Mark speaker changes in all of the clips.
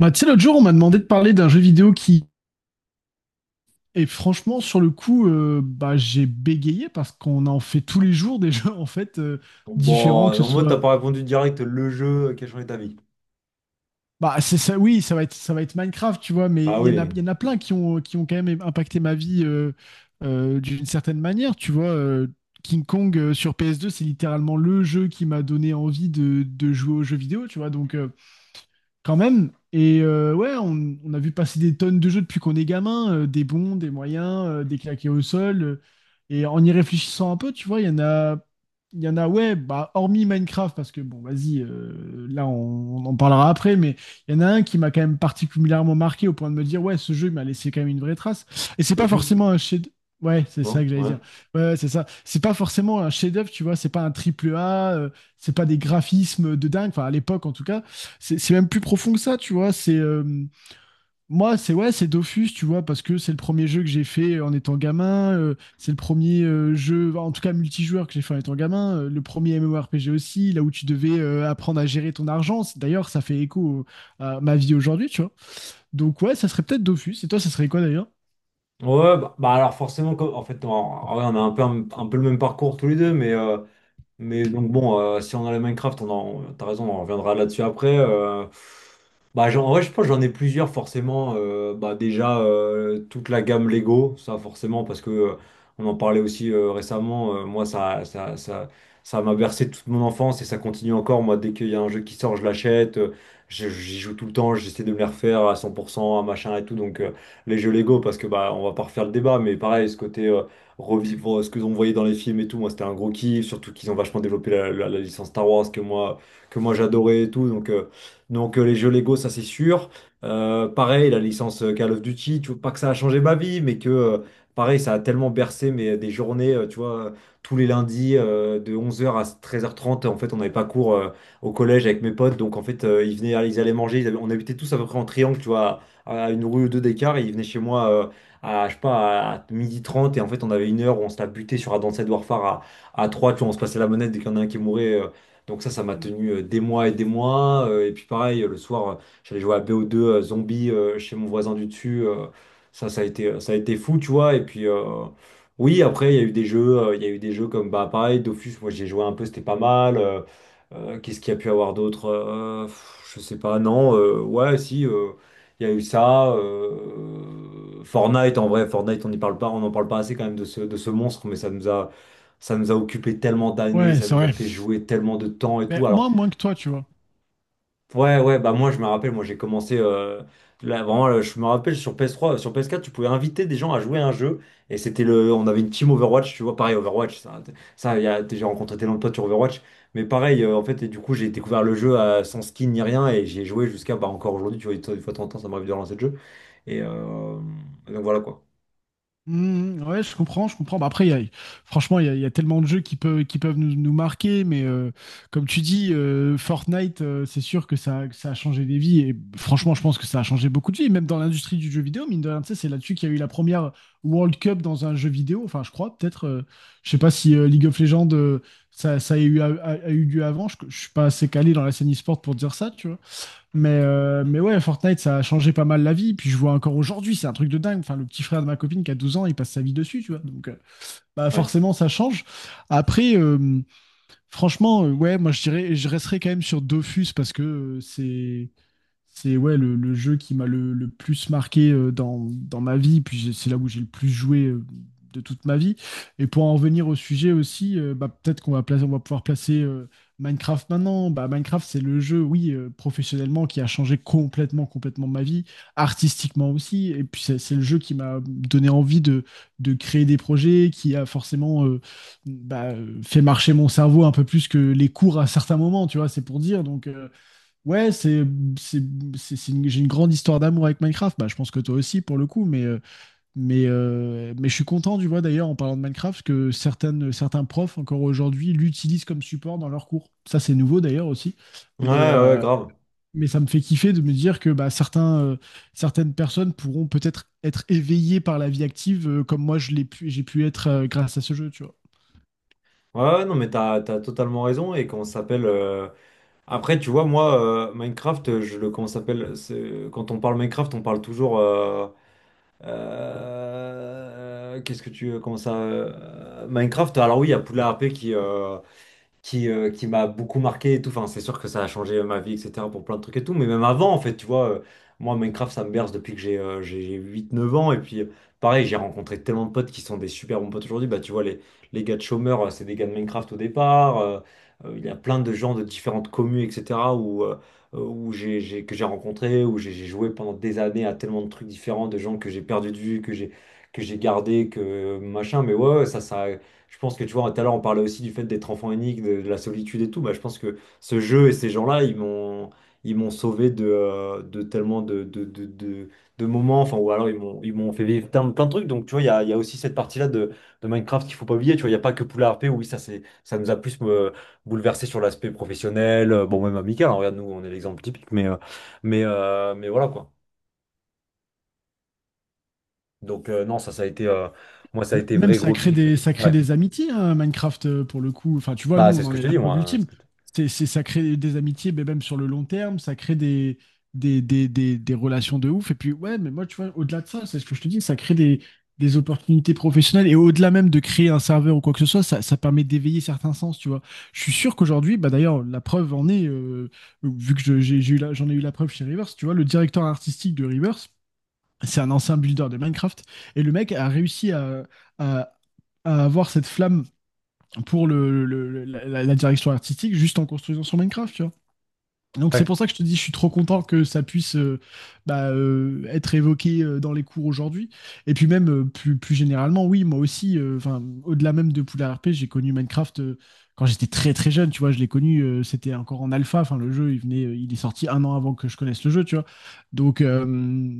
Speaker 1: Bah, tu sais, l'autre jour, on m'a demandé de parler d'un jeu vidéo qui et franchement, sur le coup, bah, j'ai bégayé parce qu'on en fait tous les jours des jeux en fait
Speaker 2: Bon,
Speaker 1: différents, que ce
Speaker 2: en mode, t'as
Speaker 1: soit.
Speaker 2: pas répondu direct le jeu qui a changé ta vie.
Speaker 1: Bah, c'est ça, oui, ça va être Minecraft, tu vois, mais
Speaker 2: Bah
Speaker 1: il y en a,
Speaker 2: oui,
Speaker 1: il y en a plein qui ont quand même impacté ma vie d'une certaine manière, tu vois. King Kong sur PS2, c'est littéralement le jeu qui m'a donné envie de jouer aux jeux vidéo, tu vois. Donc, quand même. Et ouais, on a vu passer des tonnes de jeux depuis qu'on est gamin, des bons, des moyens, des claqués au sol. Et en y réfléchissant un peu, tu vois, il y en a, il y en a, ouais, bah, hormis Minecraft, parce que bon, vas-y, là, on en parlera après, mais il y en a un qui m'a quand même particulièrement marqué au point de me dire, ouais, ce jeu, il m'a laissé quand même une vraie trace. Et c'est pas
Speaker 2: Dofus,
Speaker 1: forcément un chef. Ouais, c'est ça que
Speaker 2: non?
Speaker 1: j'allais
Speaker 2: Ouais.
Speaker 1: dire. Ouais, ouais, c'est ça. C'est pas forcément un chef-d'œuvre, tu vois, c'est pas un triple A, c'est pas des graphismes de dingue, enfin, à l'époque, en tout cas c'est même plus profond que ça, tu vois. C'est Moi, c'est ouais, c'est Dofus, tu vois, parce que c'est le premier jeu que j'ai fait en étant gamin. C'est le premier jeu, enfin, en tout cas multijoueur que j'ai fait en étant gamin. Le premier MMORPG aussi, là où tu devais apprendre à gérer ton argent. D'ailleurs, ça fait écho à ma vie aujourd'hui, tu vois. Donc ouais, ça serait peut-être Dofus. Et toi, ça serait quoi d'ailleurs?
Speaker 2: Ouais, bah alors forcément, en fait, en vrai, on a un peu, un peu le même parcours tous les deux. Mais donc bon, si on a les Minecraft, t'as raison, on reviendra là-dessus après. En vrai, je pense que j'en ai plusieurs forcément. Bah, déjà, toute la gamme Lego, ça forcément, parce que on en parlait aussi récemment. Moi, ça m'a bercé toute mon enfance et ça continue encore. Moi, dès qu'il y a un jeu qui sort, je l'achète. J'y joue tout le temps, j'essaie de me les refaire à 100%, à machin et tout. Donc, les jeux Lego, parce que bah, on va pas refaire le débat, mais pareil, ce côté. Revivre bon, ce que on voyait dans les films et tout. Moi, c'était un gros kiff, surtout qu'ils ont vachement développé la licence Star Wars que moi j'adorais et tout. Donc, les jeux Lego, ça c'est sûr. Pareil, la licence Call of Duty, tu vois, pas que ça a changé ma vie, mais que pareil, ça a tellement bercé des journées, tu vois, tous les lundis de 11 h à 13 h 30. En fait, on n'avait pas cours au collège avec mes potes, donc en fait, ils allaient manger. On habitait tous à peu près en triangle, tu vois, à une rue ou deux d'écart, et ils venaient chez moi. Je sais pas, à midi 30 et en fait on avait une heure où on se la butait sur Advanced Warfare à 3, tu vois, on se passait la manette dès qu'il y en a un qui mourait. Donc ça m'a tenu des mois et des mois. Et puis pareil, le soir, j'allais jouer à BO2 zombie chez mon voisin du dessus. Ça, ça a été fou, tu vois. Et puis oui, après, il y a eu des jeux comme bah pareil, Dofus, moi j'ai joué un peu, c'était pas mal. Qu'est-ce qu'il y a pu avoir d'autre? Pff, je sais pas, non, ouais, si. Il y a eu ça. Fortnite, en vrai, Fortnite, on n'y parle pas, on n'en parle pas assez quand même de ce monstre, mais ça nous a occupé tellement d'années,
Speaker 1: Ouais,
Speaker 2: ça
Speaker 1: c'est
Speaker 2: nous a
Speaker 1: vrai.
Speaker 2: fait jouer tellement de temps et
Speaker 1: Mais
Speaker 2: tout. Alors,
Speaker 1: moi, moins que toi, tu vois.
Speaker 2: ouais, ouais, bah moi, je me rappelle, moi, j'ai commencé, là, vraiment, là, je me rappelle sur PS3, sur PS4, tu pouvais inviter des gens à jouer à un jeu, et on avait une team Overwatch, tu vois, pareil, Overwatch, ça, il y a- j'ai rencontré tellement de potes sur Overwatch, mais pareil, en fait, et du coup, j'ai découvert le jeu sans skin ni rien, et j'ai joué jusqu'à, bah, encore aujourd'hui, tu vois, une fois de temps en temps, ça m'arrive de relancer le jeu. Et euh, et donc voilà quoi.
Speaker 1: Mhm, ouais, je comprends, je comprends. Bah, après, franchement, il y a tellement de jeux qui peuvent nous marquer, mais comme tu dis, Fortnite, c'est sûr que que ça a changé des vies. Et franchement, je pense que ça a changé beaucoup de vies, même dans l'industrie du jeu vidéo. Mine de rien, tu sais, c'est là-dessus qu'il y a eu la première World Cup dans un jeu vidéo. Enfin, je crois, peut-être. Je sais pas si League of Legends, ça a eu, a eu lieu avant. Je suis pas assez calé dans la scène e-sport pour dire ça, tu vois. Mais ouais, Fortnite, ça a changé pas mal la vie. Puis je vois encore aujourd'hui, c'est un truc de dingue. Enfin, le petit frère de ma copine qui a 12 ans, il passe sa vie dessus, tu vois. Donc, bah
Speaker 2: Ouais.
Speaker 1: forcément, ça change. Après, franchement, ouais, moi, je dirais, je resterai quand même sur Dofus parce que c'est ouais, le jeu qui m'a le plus marqué dans ma vie, puis c'est là où j'ai le plus joué de toute ma vie. Et pour en revenir au sujet aussi, bah, peut-être qu'on va pouvoir placer Minecraft maintenant. Bah, Minecraft, c'est le jeu, oui, professionnellement, qui a changé complètement, complètement ma vie, artistiquement aussi. Et puis c'est le jeu qui m'a donné envie de créer des projets, qui a forcément fait marcher mon cerveau un peu plus que les cours à certains moments, tu vois, c'est pour dire. Donc. Ouais, c'est, j'ai une grande histoire d'amour avec Minecraft. Bah, je pense que toi aussi pour le coup, mais je suis content, tu vois, d'ailleurs, en parlant de Minecraft, que certains profs encore aujourd'hui l'utilisent comme support dans leurs cours. Ça, c'est nouveau d'ailleurs aussi. Mais,
Speaker 2: Ouais, ouais,
Speaker 1: euh,
Speaker 2: grave.
Speaker 1: mais ça me fait kiffer de me dire que bah, certaines personnes pourront peut-être être éveillées par la vie active, comme moi je l'ai pu, j'ai pu être grâce à ce jeu, tu vois.
Speaker 2: Ouais, ouais, non, mais t'as totalement raison. Et comment ça s'appelle Après, tu vois, moi, Minecraft, je le. Comment ça s'appelle quand on parle Minecraft, on parle toujours. Qu'est-ce que tu. Comment ça Minecraft, alors oui, il y a Poudlard R P qui m'a beaucoup marqué et tout. Enfin, c'est sûr que ça a changé ma vie, etc. pour plein de trucs et tout. Mais même avant, en fait, tu vois, moi, Minecraft, ça me berce depuis que j'ai huit neuf ans. Et puis, pareil, j'ai rencontré tellement de potes qui sont des super bons potes aujourd'hui. Bah, tu vois, les gars de chômeurs, c'est des gars de Minecraft au départ. Il y a plein de gens de différentes communes, etc. où, où j'ai- que j'ai rencontré, où j'ai joué pendant des années à tellement de trucs différents, de gens que j'ai perdu de vue, que j'ai gardé, que machin. Mais ouais, ouais, ça, ça. Je pense que tu vois, tout à l'heure on parlait aussi du fait d'être enfant unique, de la solitude et tout. Bah, je pense que ce jeu et ces gens-là, ils m'ont sauvé de tellement de moments, enfin, ou alors ils m'ont fait vivre plein de trucs. Donc tu vois, il y a aussi cette partie-là de Minecraft qu'il faut pas oublier. Tu vois, il n'y a pas que Poula RP, oui, ça, ça nous a plus bouleversé sur l'aspect professionnel, bon, même amical, hein. Regarde, nous, on est l'exemple typique, mais voilà quoi. Donc non, ça, moi, ça a été
Speaker 1: Même
Speaker 2: vrai
Speaker 1: ça
Speaker 2: gros
Speaker 1: crée
Speaker 2: kiff et
Speaker 1: des,
Speaker 2: tout.
Speaker 1: ça crée
Speaker 2: Ouais,
Speaker 1: des amitiés, hein, Minecraft, pour le coup. Enfin, tu vois, nous,
Speaker 2: bah, c'est
Speaker 1: on
Speaker 2: ce
Speaker 1: en
Speaker 2: que je
Speaker 1: est
Speaker 2: te
Speaker 1: la
Speaker 2: dis,
Speaker 1: preuve
Speaker 2: moi, hein, ce
Speaker 1: ultime.
Speaker 2: que je te-
Speaker 1: Ça crée des amitiés, mais même sur le long terme, ça crée des relations de ouf. Et puis, ouais, mais moi, tu vois, au-delà de ça, c'est ce que je te dis, ça crée des opportunités professionnelles. Et au-delà même de créer un serveur ou quoi que ce soit, ça permet d'éveiller certains sens, tu vois. Je suis sûr qu'aujourd'hui, bah d'ailleurs, la preuve en est, vu que j'en ai eu la preuve chez Rivers, tu vois, le directeur artistique de Rivers, c'est un ancien builder de Minecraft. Et le mec a réussi à, à avoir cette flamme pour la direction artistique juste en construisant sur Minecraft, tu vois. Donc c'est
Speaker 2: ouais.
Speaker 1: pour ça que je te dis, je suis trop content que ça puisse être évoqué dans les cours aujourd'hui. Et puis même plus généralement, oui, moi aussi, enfin, au-delà même de Poudlard r p j'ai connu Minecraft quand j'étais très très jeune, tu vois, je l'ai connu, c'était encore en alpha, enfin le jeu, il est sorti un an avant que je connaisse le jeu, tu vois. Donc, euh,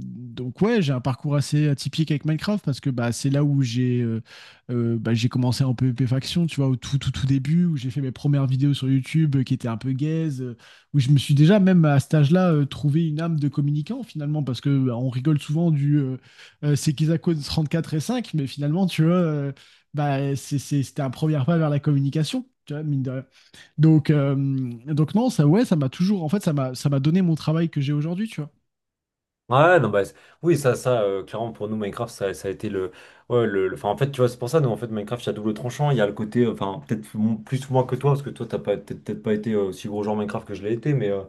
Speaker 1: donc ouais, j'ai un parcours assez atypique avec Minecraft parce que bah, c'est là où j'ai bah, j'ai commencé en PvP faction, tu vois, au tout tout tout début, où j'ai fait mes premières vidéos sur YouTube qui étaient un peu gaze. Où je me suis déjà, même à cet âge-là, trouvé une âme de communicant, finalement, parce que bah, on rigole souvent du c'est qu'ils à cause 34 et 5, mais finalement, tu vois, bah, c'était un premier pas vers la communication, tu vois, mine de rien. Donc, euh, donc non, ça, ouais, ça m'a toujours, en fait, ça m'a donné mon travail que j'ai aujourd'hui, tu vois.
Speaker 2: Ouais, non, bah, oui, ça, clairement, pour nous, Minecraft, ça a été le, ouais, enfin, en fait, tu vois, c'est pour ça, nous, en fait, Minecraft, il y a double tranchant, il y a le côté, enfin, plus ou moins que toi, parce que toi, t'as pas, peut-être pas été aussi gros joueur Minecraft que je l'ai été, mais, euh,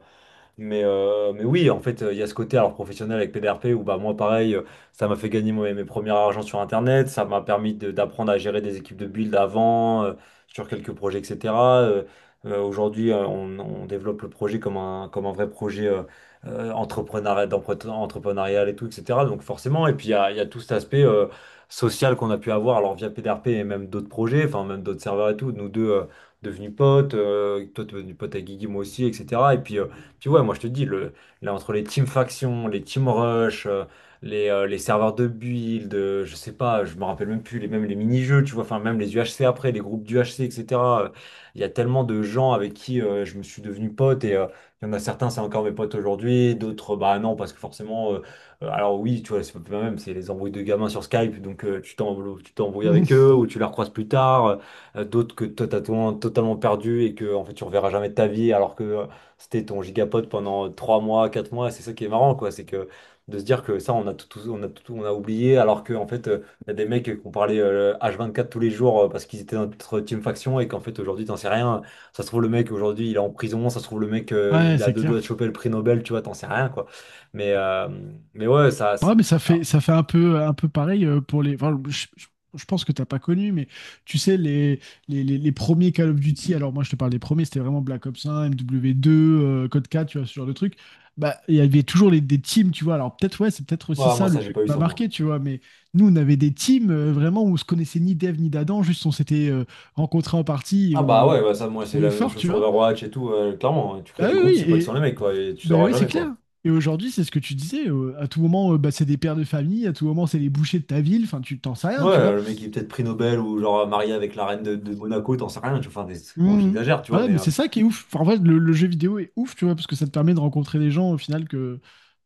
Speaker 2: mais, euh, mais oui, en fait, il y a ce côté alors professionnel avec PDRP où bah, moi, pareil, ça m'a fait gagner mes premiers argent sur Internet, ça m'a permis d'apprendre à gérer des équipes de build avant, sur quelques projets, etc. Euh, Aujourd'hui, on développe le projet comme un vrai projet entrepreneurial, entrepreneurial et tout, etc. Donc forcément, et puis il y a tout cet aspect social qu'on a pu avoir alors via PDRP et même d'autres projets, enfin même d'autres serveurs et tout, nous deux devenus potes, toi t'es devenu pote avec Guigui, moi aussi, etc. Et puis puis ouais, moi je te dis, là entre les team factions, les team rush, les serveurs de build, je sais pas, je me rappelle même plus, même les mini-jeux, tu vois, enfin même les UHC après, les groupes d'UHC, etc. euh, Il y a tellement de gens avec qui je me suis devenu pote et il y en a certains, c'est encore mes potes aujourd'hui, d'autres, bah non, parce que forcément, alors oui, tu vois, c'est pas même, c'est les embrouilles de gamins sur Skype, donc tu t'embrouilles avec eux ou tu les recroises plus tard. D'autres que toi t'as totalement totalement perdu et que en fait tu reverras jamais de ta vie alors que c'était ton gigapod pendant 3 mois, 4 mois. C'est ça qui est marrant, quoi. C'est que de se dire que ça, on a tout, on a oublié, alors qu'en fait, il y a des mecs qu'on parlait H24 tous les jours parce qu'ils étaient dans notre team faction et qu'en fait, aujourd'hui, t'en sais rien. Ça se trouve, le mec, aujourd'hui, il est en prison. Ça se trouve, le mec,
Speaker 1: Ouais,
Speaker 2: il a
Speaker 1: c'est
Speaker 2: deux doigts
Speaker 1: clair.
Speaker 2: de choper le prix Nobel, tu vois, t'en sais rien, quoi. Mais, euh, mais ouais,
Speaker 1: Ouais, mais ça fait,
Speaker 2: alors,
Speaker 1: ça fait un peu pareil pour les. Enfin, je pense que t'as pas connu, mais tu sais, les premiers Call of Duty, alors moi je te parle des premiers, c'était vraiment Black Ops 1, MW2, Code 4, tu vois, ce genre de truc. Bah, il y avait toujours des teams, tu vois. Alors peut-être, ouais, c'est peut-être aussi
Speaker 2: ouais, moi,
Speaker 1: ça le
Speaker 2: ça, j'ai
Speaker 1: jeu qui
Speaker 2: pas eu
Speaker 1: m'a
Speaker 2: ça, moi.
Speaker 1: marqué, tu vois, mais nous, on avait des teams vraiment où on se connaissait ni d'Eve ni d'Adam, juste on s'était rencontrés en partie et
Speaker 2: Ah bah
Speaker 1: on
Speaker 2: ouais, bah ça
Speaker 1: s'était
Speaker 2: moi c'est
Speaker 1: trouvés
Speaker 2: la même
Speaker 1: forts,
Speaker 2: chose
Speaker 1: tu
Speaker 2: sur
Speaker 1: vois.
Speaker 2: Overwatch et tout, clairement, hein. Tu crées
Speaker 1: Bah
Speaker 2: des groupes,
Speaker 1: oui,
Speaker 2: c'est pas que sur
Speaker 1: oui,
Speaker 2: les mecs quoi, et tu
Speaker 1: ben
Speaker 2: sauras
Speaker 1: oui, c'est
Speaker 2: jamais
Speaker 1: clair.
Speaker 2: quoi.
Speaker 1: Et aujourd'hui, c'est ce que tu disais. À tout moment, bah, c'est des pères de famille. À tout moment, c'est les bouchers de ta ville. Enfin, tu t'en sais rien, tu
Speaker 2: Ouais,
Speaker 1: vois.
Speaker 2: le mec qui est peut-être prix Nobel ou genre marié avec la reine de Monaco, t'en sais rien. Tu vois, enfin, bon,
Speaker 1: Mhm.
Speaker 2: j'exagère, tu vois,
Speaker 1: Voilà,
Speaker 2: mais
Speaker 1: mais c'est ça qui est ouf. Enfin, en vrai, le jeu vidéo est ouf, tu vois, parce que ça te permet de rencontrer des gens au final que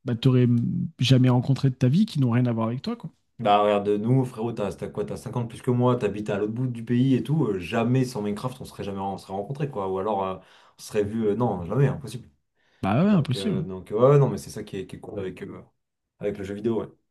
Speaker 1: bah, t'aurais jamais rencontré de ta vie, qui n'ont rien à voir avec toi, quoi.
Speaker 2: bah regarde, nous, frérot, t'as quoi, t'as 50 plus que moi, t'habites à l'autre bout du pays et tout. Jamais sans Minecraft, on serait jamais on serait rencontrés, quoi. Ou alors, on serait vu, non, jamais, impossible.
Speaker 1: Bah ouais,
Speaker 2: Donc,
Speaker 1: impossible.
Speaker 2: ouais, non, mais c'est ça qui est, cool avec le jeu vidéo, ouais.